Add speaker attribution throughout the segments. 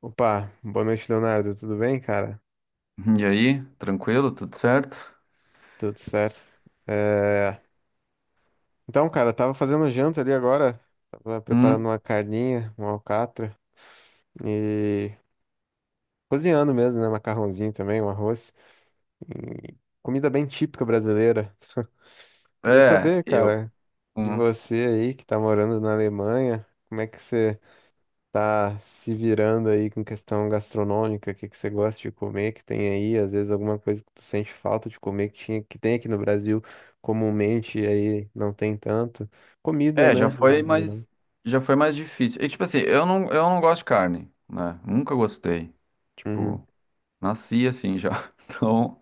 Speaker 1: Opa, boa noite, Leonardo. Tudo bem, cara?
Speaker 2: E aí, tranquilo? Tudo certo?
Speaker 1: Tudo certo. É, Então, cara, eu tava fazendo janta ali agora. Tava
Speaker 2: Hum,
Speaker 1: preparando uma carninha, uma alcatra e cozinhando mesmo, né? Macarrãozinho também, um arroz. E Comida bem típica brasileira. Queria
Speaker 2: é,
Speaker 1: saber,
Speaker 2: eu.
Speaker 1: cara, de
Speaker 2: hum,
Speaker 1: você aí que tá morando na Alemanha, como é que você tá se virando aí com questão gastronômica, o que que você gosta de comer, que tem aí, às vezes alguma coisa que tu sente falta de comer, que tinha, que tem aqui no Brasil comumente, e aí não tem tanto. Comida,
Speaker 2: já
Speaker 1: né,
Speaker 2: foi
Speaker 1: em geral.
Speaker 2: mais. Já foi mais difícil. E, tipo assim, eu não gosto de carne, né? Nunca gostei.
Speaker 1: Uhum,
Speaker 2: Tipo, nasci assim já. Então,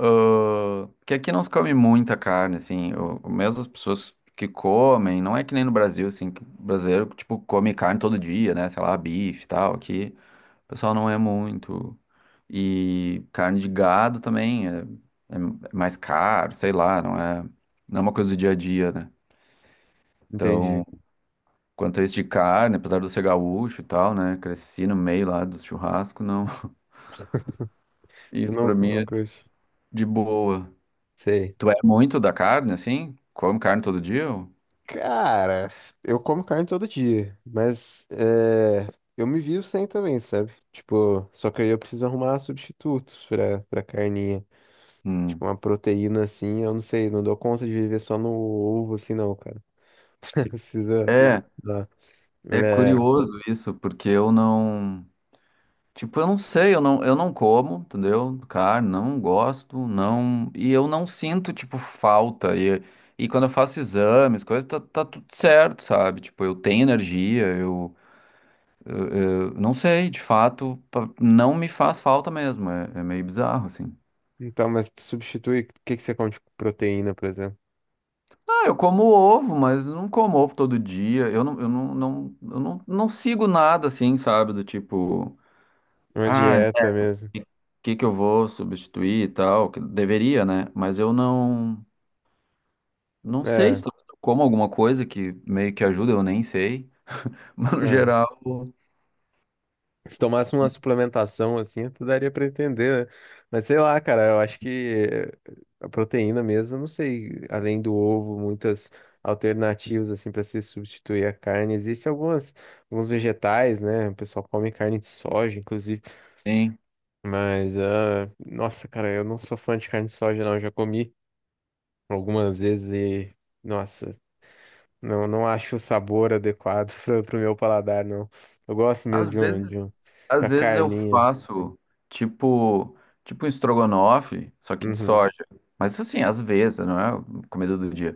Speaker 2: que aqui não se come muita carne, assim. O Mesmo as pessoas que comem, não é que nem no Brasil, assim, que o brasileiro, tipo, come carne todo dia, né? Sei lá, bife e tal, aqui. O pessoal não é muito. E carne de gado também é mais caro, sei lá, não é, não é uma coisa do dia a dia, né?
Speaker 1: entendi.
Speaker 2: Então, quanto a isso de carne, apesar de eu ser gaúcho e tal, né? Cresci no meio lá do churrasco, não.
Speaker 1: Você
Speaker 2: Isso
Speaker 1: não,
Speaker 2: pra mim
Speaker 1: não
Speaker 2: é
Speaker 1: curte?
Speaker 2: de boa.
Speaker 1: Sei.
Speaker 2: Tu é muito da carne, assim? Come carne todo dia? Ou...
Speaker 1: Cara, eu como carne todo dia, mas eu me vivo sem também, sabe? Tipo, só que aí eu preciso arrumar substitutos pra carninha.
Speaker 2: Hum.
Speaker 1: Tipo, uma proteína assim, eu não sei, não dou conta de viver só no ovo assim, não, cara. Precisa
Speaker 2: É,
Speaker 1: dar.
Speaker 2: é
Speaker 1: É.
Speaker 2: curioso isso, porque eu não. Tipo, eu não sei, eu não como, entendeu? Carne, não gosto, não. E eu não sinto, tipo, falta. E quando eu faço exames, coisas, tá tudo certo, sabe? Tipo, eu tenho energia, eu não sei, de fato, não me faz falta mesmo. É, é meio bizarro, assim.
Speaker 1: Então, mas tu substitui, o que que você come de proteína, por exemplo?
Speaker 2: Ah, eu como ovo, mas eu não como ovo todo dia. Eu não sigo nada, assim, sabe? Do tipo,
Speaker 1: Uma
Speaker 2: ah,
Speaker 1: dieta mesmo.
Speaker 2: o que que eu vou substituir e tal? Que deveria, né? Mas eu não. Não sei se
Speaker 1: É,
Speaker 2: talvez eu como alguma coisa que meio que ajuda, eu nem sei. Mas no
Speaker 1: não.
Speaker 2: geral,
Speaker 1: Se tomasse uma suplementação assim, tu daria pra entender, né? Mas sei lá, cara, eu acho que a proteína mesmo, eu não sei, além do ovo, muitas alternativas assim para se substituir a carne. Existem algumas, alguns vegetais, né? O pessoal come carne de soja, inclusive.
Speaker 2: sim.
Speaker 1: Mas, ah, nossa, cara, eu não sou fã de carne de soja, não. Eu já comi algumas vezes e, nossa, não acho o sabor adequado pro meu paladar, não. Eu gosto mesmo
Speaker 2: Às vezes,
Speaker 1: da
Speaker 2: às vezes eu
Speaker 1: carninha.
Speaker 2: faço tipo, tipo um estrogonofe, só que de
Speaker 1: Uhum,
Speaker 2: soja. Mas assim, às vezes, não é comida do dia.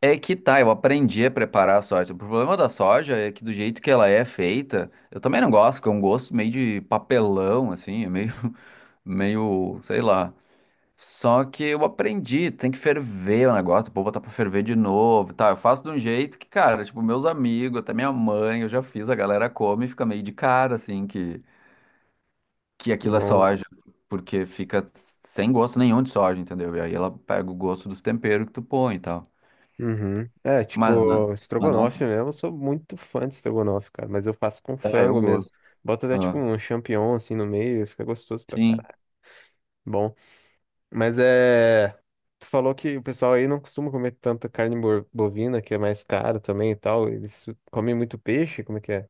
Speaker 2: É que tá, eu aprendi a preparar a soja. O problema da soja é que do jeito que ela é feita, eu também não gosto, que é um gosto meio de papelão, assim, é meio, meio, sei lá. Só que eu aprendi, tem que ferver o negócio, vou botar pra ferver de novo, tá? Eu faço de um jeito que, cara, tipo, meus amigos, até minha mãe, eu já fiz, a galera come e fica meio de cara, assim, que aquilo é
Speaker 1: bom.
Speaker 2: soja, porque fica sem gosto nenhum de soja, entendeu? E aí ela pega o gosto dos temperos que tu põe e tal.
Speaker 1: Uhum. É,
Speaker 2: Mas, não-
Speaker 1: tipo,
Speaker 2: mas
Speaker 1: estrogonofe
Speaker 2: não,
Speaker 1: mesmo. Eu sou muito fã de estrogonofe, cara, mas eu faço com
Speaker 2: é, eu
Speaker 1: frango mesmo.
Speaker 2: gosto.
Speaker 1: Bota até, tipo,
Speaker 2: Ah,
Speaker 1: um champignon, assim, no meio, fica gostoso pra
Speaker 2: sim.
Speaker 1: caralho. Bom. Mas é. Tu falou que o pessoal aí não costuma comer tanta carne bovina, que é mais caro também e tal. Eles comem muito peixe, como é que é?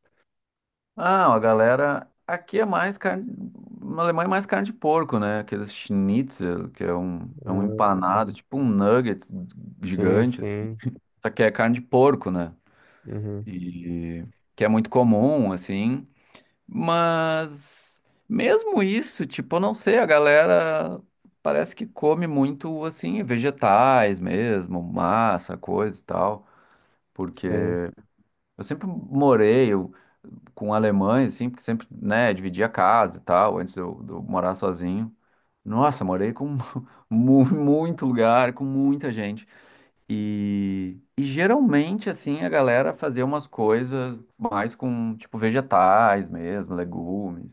Speaker 2: Ah, a galera. Aqui é mais carne. Na Alemanha é mais carne de porco, né? Aqueles schnitzel, que é um
Speaker 1: Hum,
Speaker 2: empanado, tipo um nugget
Speaker 1: sim,
Speaker 2: gigante.
Speaker 1: sim.
Speaker 2: Só que é carne de porco, né?
Speaker 1: Uhum,
Speaker 2: E que é muito comum, assim. Mas mesmo isso, tipo, eu não sei, a galera parece que come muito, assim, vegetais mesmo, massa, coisa e tal. Porque
Speaker 1: sim.
Speaker 2: eu sempre morei com alemães, assim, porque sempre, né, dividia casa e tal, antes de eu morar sozinho. Nossa, morei com muito lugar, com muita gente. E geralmente, assim, a galera fazia umas coisas mais com, tipo, vegetais mesmo, legumes,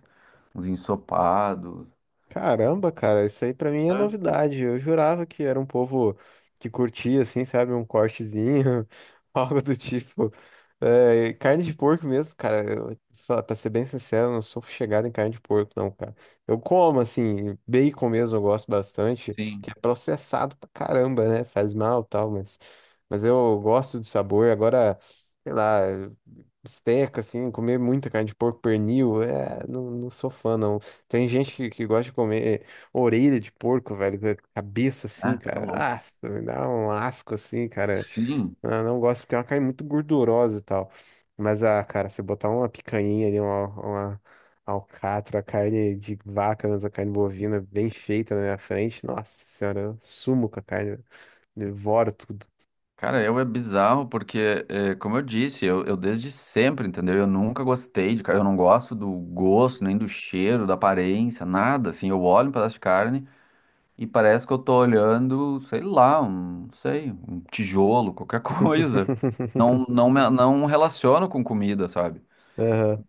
Speaker 2: uns ensopados,
Speaker 1: Caramba, cara, isso aí pra mim é
Speaker 2: né?
Speaker 1: novidade. Eu jurava que era um povo que curtia, assim, sabe, um cortezinho, algo do tipo. É, carne de porco mesmo, cara. Eu, pra ser bem sincero, eu não sou chegado em carne de porco, não, cara. Eu como, assim, bacon mesmo, eu gosto bastante,
Speaker 2: Sim.
Speaker 1: que é processado pra caramba, né? Faz mal e tal, mas eu gosto do sabor. Agora, sei lá. Bisteca, assim, comer muita carne de porco, pernil, é, não sou fã, não. Tem gente que gosta de comer orelha de porco, velho, com a cabeça assim,
Speaker 2: É, tá
Speaker 1: cara.
Speaker 2: louco.
Speaker 1: Nossa, me dá um asco assim, cara.
Speaker 2: Sim.
Speaker 1: Eu não gosto porque é uma carne muito gordurosa e tal. Mas, ah, cara, você botar uma picanha ali, uma alcatra, carne de vaca, mas a carne bovina bem feita na minha frente, nossa senhora, eu sumo com a carne, devoro tudo.
Speaker 2: Cara, eu é bizarro porque, é, como eu disse, eu desde sempre, entendeu? Eu nunca gostei de carne, eu não gosto do gosto, nem do cheiro, da aparência, nada. Assim, eu olho um pedaço de carne e parece que eu tô olhando, sei lá, um, não sei, um tijolo, qualquer coisa. Não relaciono com comida, sabe?
Speaker 1: Aham.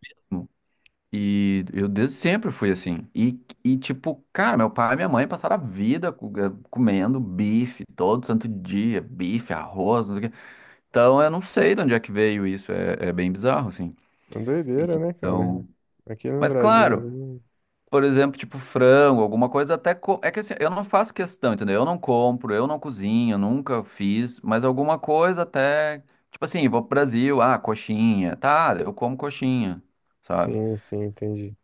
Speaker 2: E eu desde sempre fui assim. E tipo, cara, meu pai e minha mãe passaram a vida comendo bife todo santo dia, bife, arroz, não sei o quê. Então, eu não sei de onde é que veio isso, é, é bem bizarro, assim.
Speaker 1: É uma doideira, né, cara?
Speaker 2: Então,
Speaker 1: Aqui no
Speaker 2: mas
Speaker 1: Brasil.
Speaker 2: claro,
Speaker 1: Hum,
Speaker 2: por exemplo, tipo frango, alguma coisa é que assim, eu não faço questão, entendeu? Eu não compro, eu não cozinho, nunca fiz, mas alguma coisa até, tipo assim, vou pro Brasil, ah, coxinha, tá, eu como coxinha, sabe?
Speaker 1: sim, sim, entendi.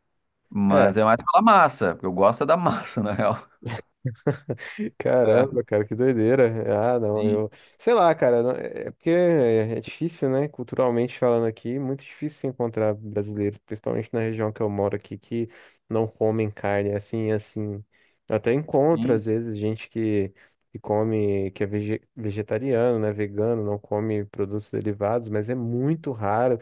Speaker 1: É,
Speaker 2: Mas é mais pela massa, porque eu gosto é da massa, na real. É,
Speaker 1: caramba, cara, que doideira. Ah, não, eu.
Speaker 2: sim,
Speaker 1: Sei lá, cara, é é porque é é difícil, né? Culturalmente falando aqui, muito difícil se encontrar brasileiros, principalmente na região que eu moro aqui, que não comem carne assim, assim. Eu até encontro, às
Speaker 2: sim,
Speaker 1: vezes, gente que come, que é vegetariano, né? Vegano, não come produtos derivados, mas é muito raro.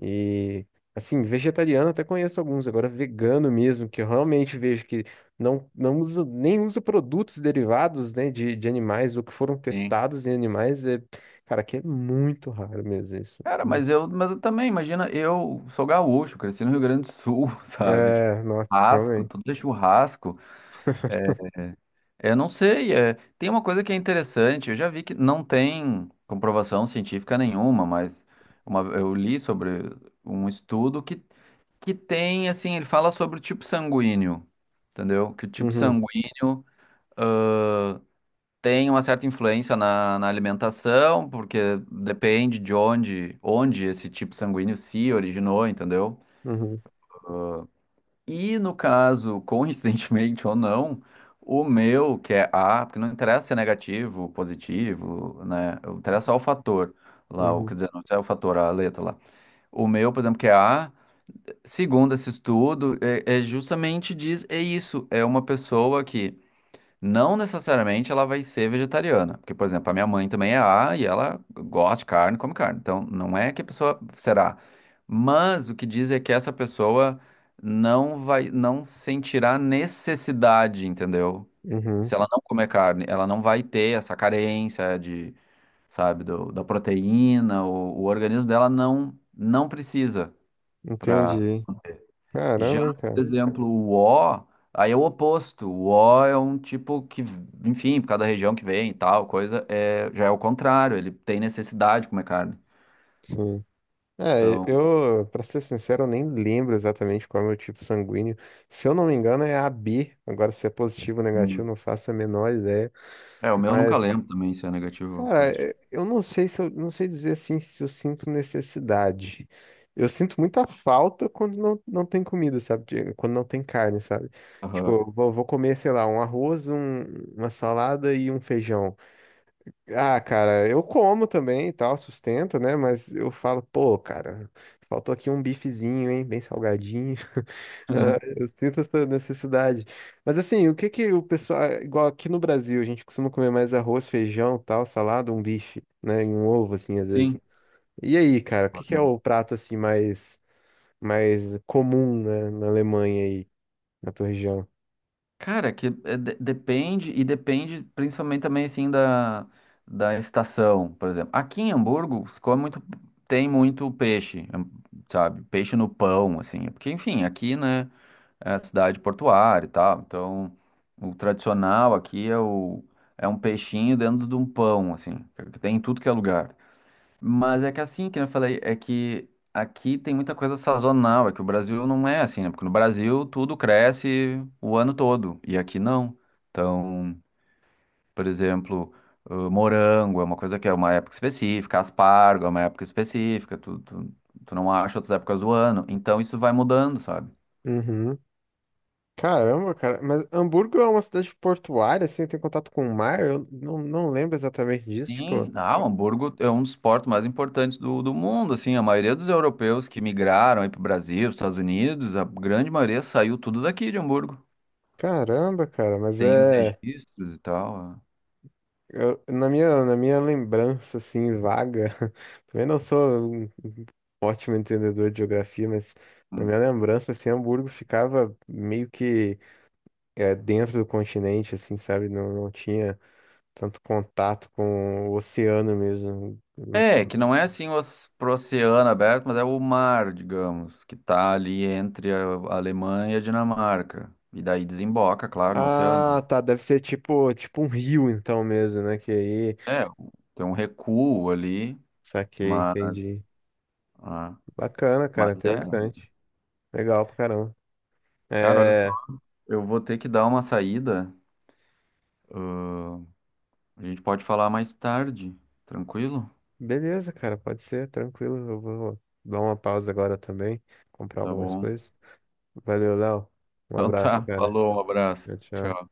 Speaker 1: E assim, vegetariano até conheço alguns, agora vegano mesmo, que eu realmente vejo que não usa, nem usa produtos derivados, né, de animais ou que foram
Speaker 2: sim.
Speaker 1: testados em animais, é, cara, que é muito raro mesmo isso.
Speaker 2: Cara, mas eu também, imagina, eu sou gaúcho, cresci no Rio Grande do Sul, sabe? Tipo,
Speaker 1: É, nossa,
Speaker 2: churrasco,
Speaker 1: realmente.
Speaker 2: tudo é churrasco. É, eu não sei, é, tem uma coisa que é interessante, eu já vi que não tem comprovação científica nenhuma, mas uma, eu li sobre um estudo que tem, assim, ele fala sobre o tipo sanguíneo, entendeu? Que o tipo
Speaker 1: Uhum,
Speaker 2: sanguíneo tem uma certa influência na, na alimentação, porque depende de onde, onde esse tipo sanguíneo se originou, entendeu?
Speaker 1: uhum,
Speaker 2: E no caso, coincidentemente ou não, o meu, que é A, porque não interessa se é negativo, positivo, né? Interessa só o fator lá, o,
Speaker 1: uhum,
Speaker 2: quer dizer, não é o fator, a letra lá. O meu, por exemplo, que é A, segundo esse estudo, é, é justamente diz, é isso, é uma pessoa que não necessariamente ela vai ser vegetariana, porque, por exemplo, a minha mãe também é A e ela gosta de carne, come carne. Então, não é que a pessoa será. Mas o que diz é que essa pessoa não vai, não sentirá necessidade, entendeu?
Speaker 1: uhum.
Speaker 2: Se ela não comer carne, ela não vai ter essa carência de, sabe, da proteína, o organismo dela não precisa
Speaker 1: Entendi.
Speaker 2: já,
Speaker 1: Caramba, hein,
Speaker 2: por
Speaker 1: cara.
Speaker 2: exemplo, O, aí é o oposto. O é um tipo que, enfim, por cada região que vem e tal, coisa, é, já é o contrário, ele tem necessidade de comer carne.
Speaker 1: Sim. É,
Speaker 2: Então,
Speaker 1: eu, pra ser sincero, eu nem lembro exatamente qual é o meu tipo sanguíneo. Se eu não me engano, é A B. Agora, se é positivo ou negativo,
Speaker 2: hum,
Speaker 1: não faço a menor ideia.
Speaker 2: é, o meu eu nunca
Speaker 1: Mas,
Speaker 2: lembro também se é negativo ou
Speaker 1: cara,
Speaker 2: positivo.
Speaker 1: eu não sei se eu não sei dizer assim se eu sinto necessidade. Eu sinto muita falta quando não tem comida, sabe? Quando não tem carne, sabe? Tipo,
Speaker 2: Aham.
Speaker 1: eu vou comer, sei lá, um arroz, uma salada e um feijão. Ah, cara, eu como também e tal, sustento, né? Mas eu falo, pô, cara, faltou aqui um bifezinho, hein? Bem salgadinho. Ah, eu sinto essa necessidade. Mas assim, o que que o pessoal, igual aqui no Brasil, a gente costuma comer mais arroz, feijão, tal, salada, um bife, né? E um ovo, assim, às vezes.
Speaker 2: Sim.
Speaker 1: E aí, cara, o que que é o prato, assim, mais comum, né, na Alemanha aí, na tua região?
Speaker 2: Cara, que é, depende, e depende principalmente também, assim, da, da estação, por exemplo. Aqui em Hamburgo, se come muito, tem muito peixe, sabe? Peixe no pão, assim. Porque, enfim, aqui, né? É a cidade portuária e tal. Então, o tradicional aqui é o é um peixinho dentro de um pão, assim, que tem em tudo que é lugar. Mas é que assim, que eu falei, é que aqui tem muita coisa sazonal, é que o Brasil não é assim, né? Porque no Brasil tudo cresce o ano todo e aqui não. Então, por exemplo, morango é uma coisa que é uma época específica, aspargo é uma época específica, tu não acha outras épocas do ano. Então isso vai mudando, sabe?
Speaker 1: Uhum. Caramba, cara, mas Hamburgo é uma cidade portuária, assim, tem contato com o mar? Eu não lembro exatamente disso, tipo,
Speaker 2: Sim, ah, o Hamburgo é um dos portos mais importantes do, do mundo, assim, a maioria dos europeus que migraram aí para o Brasil, os Estados Unidos, a grande maioria saiu tudo daqui de Hamburgo.
Speaker 1: caramba, cara, mas
Speaker 2: Tem os
Speaker 1: é.
Speaker 2: registros e tal. É.
Speaker 1: Eu- na minha lembrança, assim, vaga, também não sou um ótimo entendedor de geografia, mas na
Speaker 2: Hum.
Speaker 1: minha lembrança, assim, Hamburgo ficava meio que é, dentro do continente, assim, sabe? Não tinha tanto contato com o oceano mesmo.
Speaker 2: É, que não é assim pro oceano aberto, mas é o mar, digamos, que tá ali entre a Alemanha e a Dinamarca. E daí desemboca, claro, no oceano.
Speaker 1: Ah, tá, deve ser tipo, tipo um rio, então mesmo, né? Que aí.
Speaker 2: É, tem um recuo ali,
Speaker 1: Saquei,
Speaker 2: mas,
Speaker 1: entendi.
Speaker 2: ah,
Speaker 1: Bacana,
Speaker 2: mas
Speaker 1: cara,
Speaker 2: é,
Speaker 1: interessante. Legal pra caramba.
Speaker 2: cara, olha só,
Speaker 1: É,
Speaker 2: eu vou ter que dar uma saída. A gente pode falar mais tarde, tranquilo?
Speaker 1: beleza, cara, pode ser, tranquilo. Eu vou dar uma pausa agora também, comprar
Speaker 2: Tá
Speaker 1: algumas
Speaker 2: bom.
Speaker 1: coisas. Valeu, Léo. Um
Speaker 2: Então
Speaker 1: abraço,
Speaker 2: tá,
Speaker 1: cara.
Speaker 2: falou, um
Speaker 1: Tchau,
Speaker 2: abraço.
Speaker 1: tchau.
Speaker 2: Tchau.